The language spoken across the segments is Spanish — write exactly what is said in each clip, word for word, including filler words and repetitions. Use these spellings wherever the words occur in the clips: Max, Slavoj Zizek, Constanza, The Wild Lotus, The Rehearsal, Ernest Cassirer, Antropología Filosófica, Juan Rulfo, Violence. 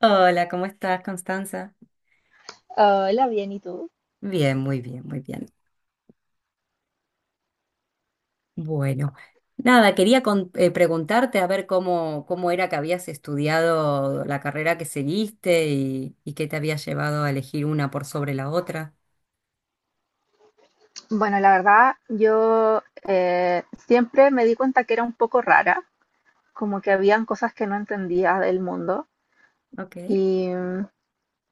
Hola, ¿cómo estás, Constanza? Hola, bien, ¿y tú? Bien, muy bien, muy bien. Bueno, nada, quería con- eh, preguntarte a ver cómo, cómo era que habías estudiado la carrera que seguiste y, y qué te había llevado a elegir una por sobre la otra. Bueno, la verdad, yo eh, siempre me di cuenta que era un poco rara, como que habían cosas que no entendía del mundo Ok, y,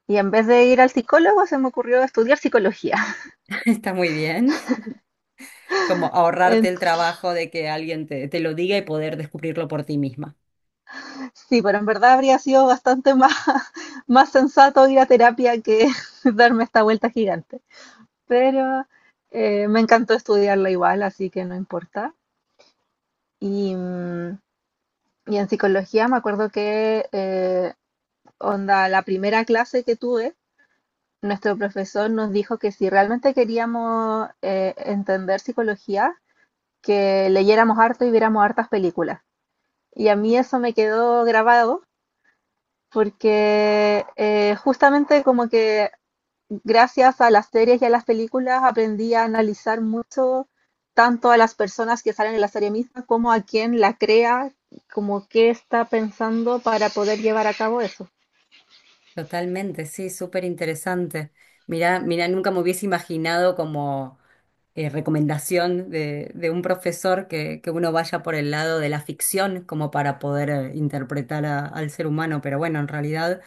y en vez de ir al psicólogo se me ocurrió estudiar psicología. está muy bien. Como ahorrarte En- el trabajo de que alguien te, te lo diga y poder descubrirlo por ti misma. sí, pero en verdad habría sido bastante más, más sensato ir a terapia que darme esta vuelta gigante. Pero eh, me encantó estudiarla igual, así que no importa. Y, mm, y en psicología me acuerdo que eh, Onda, la primera clase que tuve, nuestro profesor nos dijo que si realmente queríamos eh, entender psicología, que leyéramos harto y viéramos hartas películas. Y a mí eso me quedó grabado porque eh, justamente como que gracias a las series y a las películas aprendí a analizar mucho tanto a las personas que salen en la serie misma como a quien la crea, como qué está pensando para poder llevar a cabo eso. Totalmente, sí, súper interesante. Mira, mira, nunca me hubiese imaginado como eh, recomendación de, de un profesor que, que uno vaya por el lado de la ficción como para poder eh, interpretar a- al ser humano, pero bueno, en realidad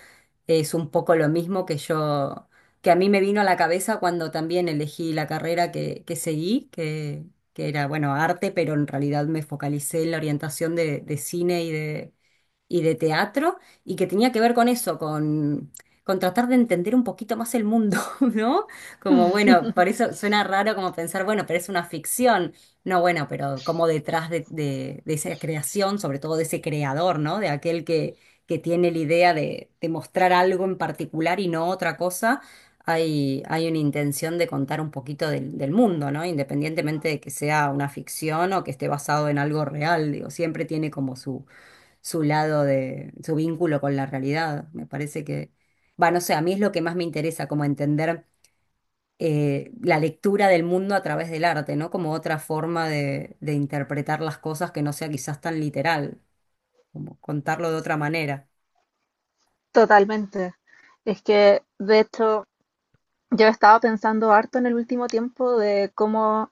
es un poco lo mismo que yo, que a mí me vino a la cabeza cuando también elegí la carrera que, que seguí, que, que era, bueno, arte, pero en realidad me focalicé en la orientación de, de cine y de teatro y que tenía que ver con eso, con, con tratar de entender un poquito más el mundo, ¿no? Como bueno, por eso suena raro como pensar, bueno, pero es una ficción. No, bueno, pero como detrás de, de- de esa creación, sobre todo de ese creador, ¿no? De aquel que, que tiene la idea de, de mostrar algo en particular y no otra cosa. Hay, hay una intención de contar un poquito del, del mundo, ¿no? Independientemente de que sea una ficción o que esté basado en algo real, digo, siempre tiene como su, su lado de, su vínculo con la realidad. Me parece que, va, no sé, a mí es lo que más me interesa, como entender eh, la lectura del mundo a través del arte, ¿no? Como otra forma de, de interpretar las cosas que no sea quizás tan literal, como contarlo de otra manera. Totalmente. Es que, de hecho, yo he estado pensando harto en el último tiempo de cómo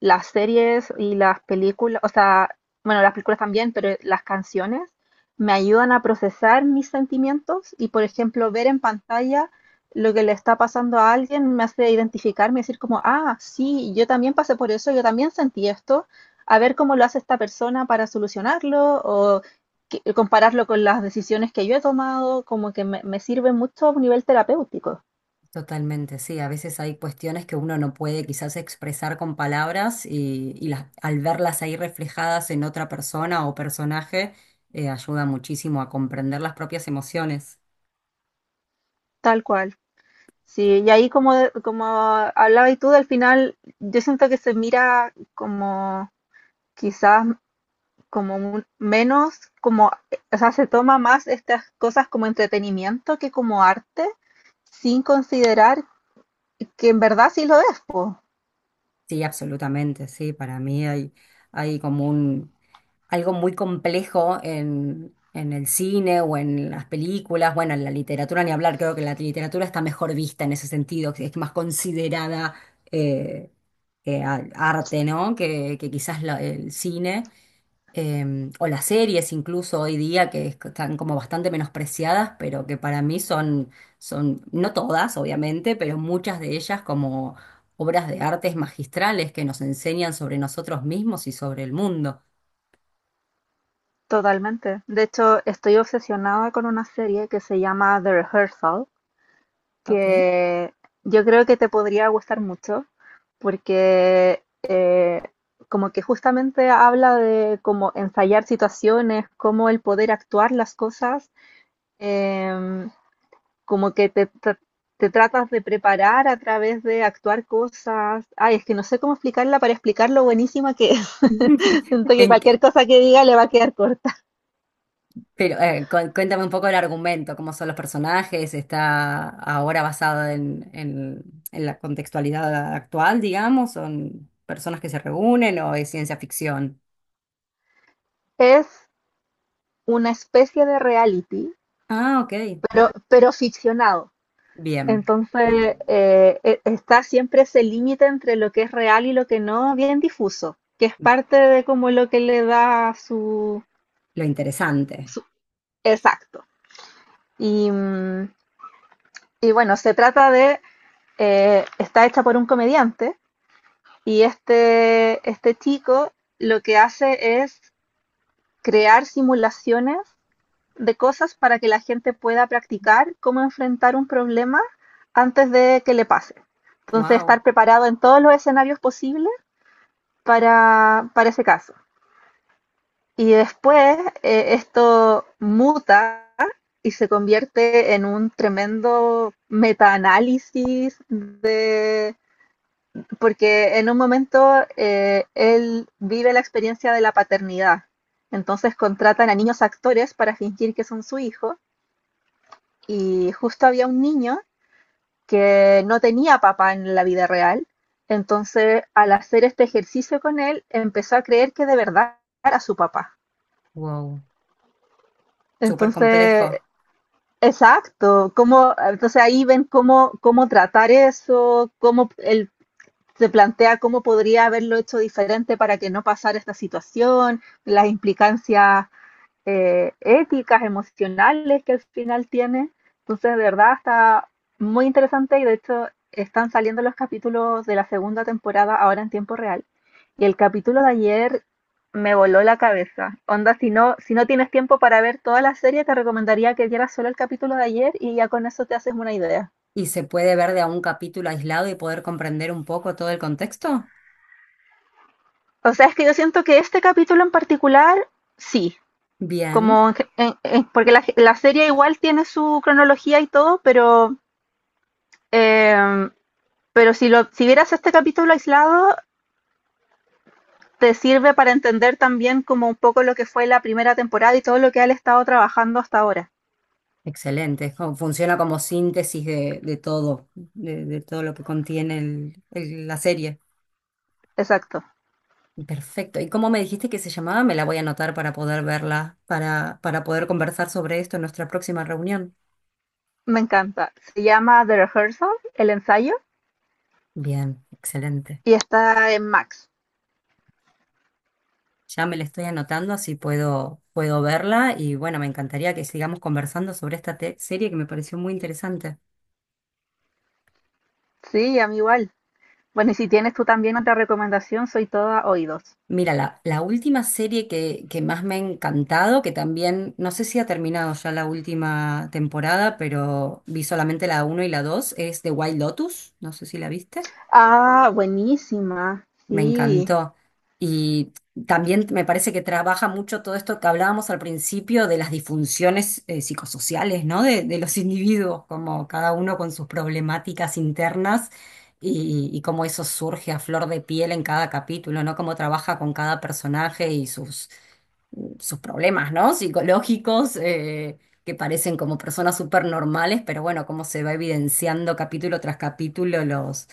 las series y las películas, o sea, bueno, las películas también, pero las canciones me ayudan a procesar mis sentimientos y, por ejemplo, ver en pantalla lo que le está pasando a alguien me hace identificarme y decir como, ah, sí, yo también pasé por eso, yo también sentí esto, a ver cómo lo hace esta persona para solucionarlo o que- compararlo con las decisiones que yo he tomado, como que me, me sirve mucho a un nivel terapéutico, Totalmente, sí. A veces hay cuestiones que uno no puede quizás expresar con palabras y, y las, al verlas ahí reflejadas en otra persona o personaje, eh, ayuda muchísimo a comprender las propias emociones. tal cual. Sí, y ahí como, como hablabas tú, al final yo siento que se mira como quizás como un- menos, como, o sea, se toma más estas cosas como entretenimiento que como arte, sin considerar que en verdad sí lo es, po, Sí, absolutamente, sí. Para mí hay, hay como un, algo muy complejo en, en el cine o en las películas, bueno, en la literatura ni hablar, creo que la literatura está mejor vista en ese sentido, que es más considerada eh, eh, a- arte, ¿no? Que, que quizás la- el cine eh, o las series incluso hoy día que es- están como bastante menospreciadas, pero que para mí son, son, no todas obviamente, pero muchas de ellas como obras de artes magistrales que nos enseñan sobre nosotros mismos y sobre el mundo. totalmente. De hecho, estoy obsesionada con una serie que se llama The Rehearsal, Ok. que yo creo que te podría gustar mucho porque eh, como que justamente habla de cómo ensayar situaciones, cómo el poder actuar las cosas, em, como que te, tra- te tratas de preparar a través de actuar cosas. Ay, es que no sé cómo explicarla para explicar lo buenísima que es. Siento que ¿En qué? cualquier cosa que diga le va a quedar corta. Pero eh, cu- cuéntame un poco el argumento, cómo son los personajes, está ahora basado en, en, en la contextualidad actual, digamos, son personas que se reúnen o es ciencia ficción. Es una especie de reality, Ah, ok, pero, pero ficcionado. bien. Entonces, eh, e- está siempre ese límite entre lo que es real y lo que no, bien difuso, que es parte de como lo que le da su, Lo interesante. su- exacto. Y, mm, y bueno, se trata de, eh, está hecha por un comediante y este, este chico lo que hace es crear simulaciones de cosas para que la gente pueda practicar cómo enfrentar un problema antes de que le pase. Entonces, Wow, estar preparado en todos los escenarios posibles para, para ese caso. Y después eh, esto muta y se convierte en un tremendo metaanálisis de porque en un momento eh, él vive la experiencia de la paternidad. Entonces contratan a niños actores para fingir que son su hijo y justo había un niño que no tenía papá en la vida real. Entonces al hacer este ejercicio con él empezó a creer que de verdad era su papá. wow, súper Entonces, complejo. exacto, cómo, entonces ahí ven cómo, cómo tratar eso, cómo él se plantea cómo podría haberlo hecho diferente para que no pasara esta situación, las implicancias eh, éticas, emocionales que al final tiene. Entonces, de verdad, está muy interesante y de hecho están saliendo los capítulos de la segunda temporada ahora en tiempo real. Y el capítulo de ayer me voló la cabeza. Onda, si no, si no tienes tiempo para ver toda la serie, te recomendaría que vieras solo el capítulo de ayer y ya con eso te haces una idea. ¿Y se puede ver de a un capítulo aislado y poder comprender un poco todo el contexto? O sea, es que yo siento que este capítulo en particular, sí, Bien, como en ge- en- en- porque la, la serie igual tiene su cronología y todo, pero eh, Pero si lo, si vieras este capítulo aislado, te sirve para entender también como un poco lo que fue la primera temporada y todo lo que él ha estado trabajando hasta ahora. excelente. Es como Funciona como síntesis de, de todo, de, de todo lo que contiene el- el- la serie. Exacto. Perfecto. ¿Y cómo me dijiste que se llamaba? Me la voy a anotar para poder verla, para, para poder conversar sobre esto en nuestra próxima reunión. Me encanta. Se llama The Rehearsal, el ensayo, Bien, excelente. y está en Max. Ya me la estoy anotando, así puedo, puedo verla y bueno, me encantaría que sigamos conversando sobre esta te- serie que me pareció muy interesante. Sí, a mí igual. Bueno, y si tienes tú también otra recomendación, soy toda oídos. Mira, la, la última serie que, que más me ha encantado, que también, no sé si ha terminado ya la última temporada, pero vi solamente la uno y la dos es The Wild Lotus, no sé si la viste. Ah, buenísima. Me Sí, encantó. Y también me parece que trabaja mucho todo esto que hablábamos al principio de las disfunciones eh, psicosociales, ¿no? De, de los individuos, como cada uno con sus problemáticas internas y, y cómo eso surge a flor de piel en cada capítulo, ¿no? Cómo trabaja con cada personaje y sus sus problemas, ¿no? Psicológicos, eh, que parecen como personas súper normales, pero bueno, cómo se va evidenciando capítulo tras capítulo los,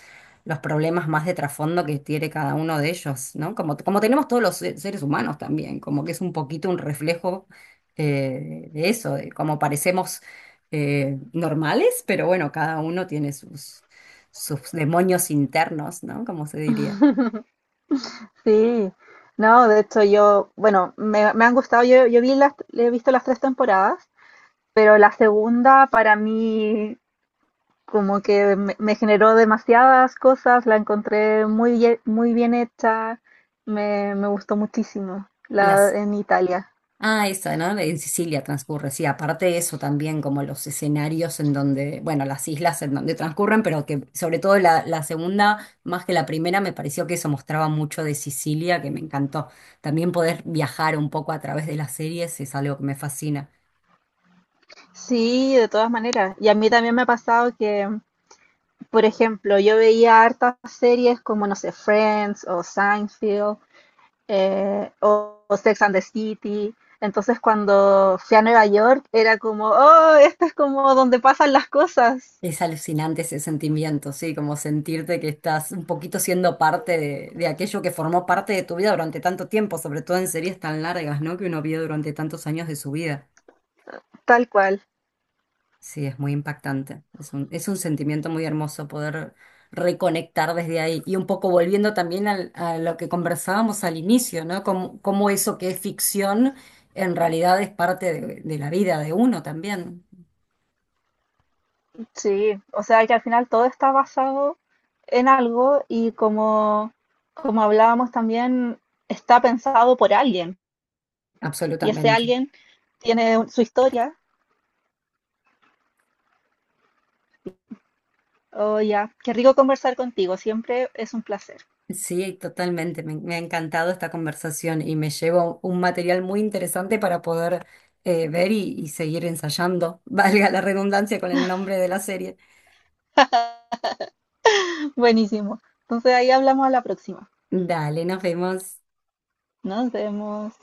los problemas más de trasfondo que tiene cada uno de ellos, ¿no? Como, como tenemos todos los se- seres humanos también, como que es un poquito un reflejo eh, de eso, de cómo parecemos eh, normales, pero bueno, cada uno tiene sus, sus demonios internos, ¿no? Como se diría. sí. No, de hecho yo, bueno, me, me han gustado, yo, yo vi las, he visto las tres temporadas, pero la segunda para mí como que me, me generó demasiadas cosas, la encontré muy bien, muy bien hecha, me, me gustó muchísimo la Las, en Italia. ah, esa, ¿no? En Sicilia transcurre, sí. Aparte de eso también, como los escenarios en donde, bueno, las islas en donde transcurren, pero que sobre todo la, la segunda, más que la primera, me pareció que eso mostraba mucho de Sicilia, que me encantó. También poder viajar un poco a través de las series es algo que me fascina. Sí, de todas maneras. Y a mí también me ha pasado que, por ejemplo, yo veía hartas series como, no sé, Friends o Seinfeld eh, o, o Sex and the City. Entonces cuando fui a Nueva York era como, oh, esto es como donde pasan las cosas, Es alucinante ese sentimiento, sí, como sentirte que estás un poquito siendo parte de, de aquello que formó parte de tu vida durante tanto tiempo, sobre todo en series tan largas, ¿no? Que uno vio durante tantos años de su vida. tal cual. Sí, es muy impactante. Es un, es un sentimiento muy hermoso poder reconectar desde ahí. Y un poco volviendo también al- a lo que conversábamos al inicio, ¿no? Cómo, cómo eso que es ficción en realidad es parte de, de la vida de uno también. Sí, o sea que al final todo está basado en algo y como, como hablábamos también, está pensado por alguien y ese Absolutamente. alguien tiene un- su historia. Oh, ya, qué rico conversar contigo, siempre es un placer. Sí, totalmente. Me, me ha encantado esta conversación y me llevo un material muy interesante para poder eh, ver y, y seguir ensayando, valga la redundancia con el nombre de la serie. Buenísimo. Entonces ahí hablamos a la próxima. Dale, nos vemos. Nos vemos.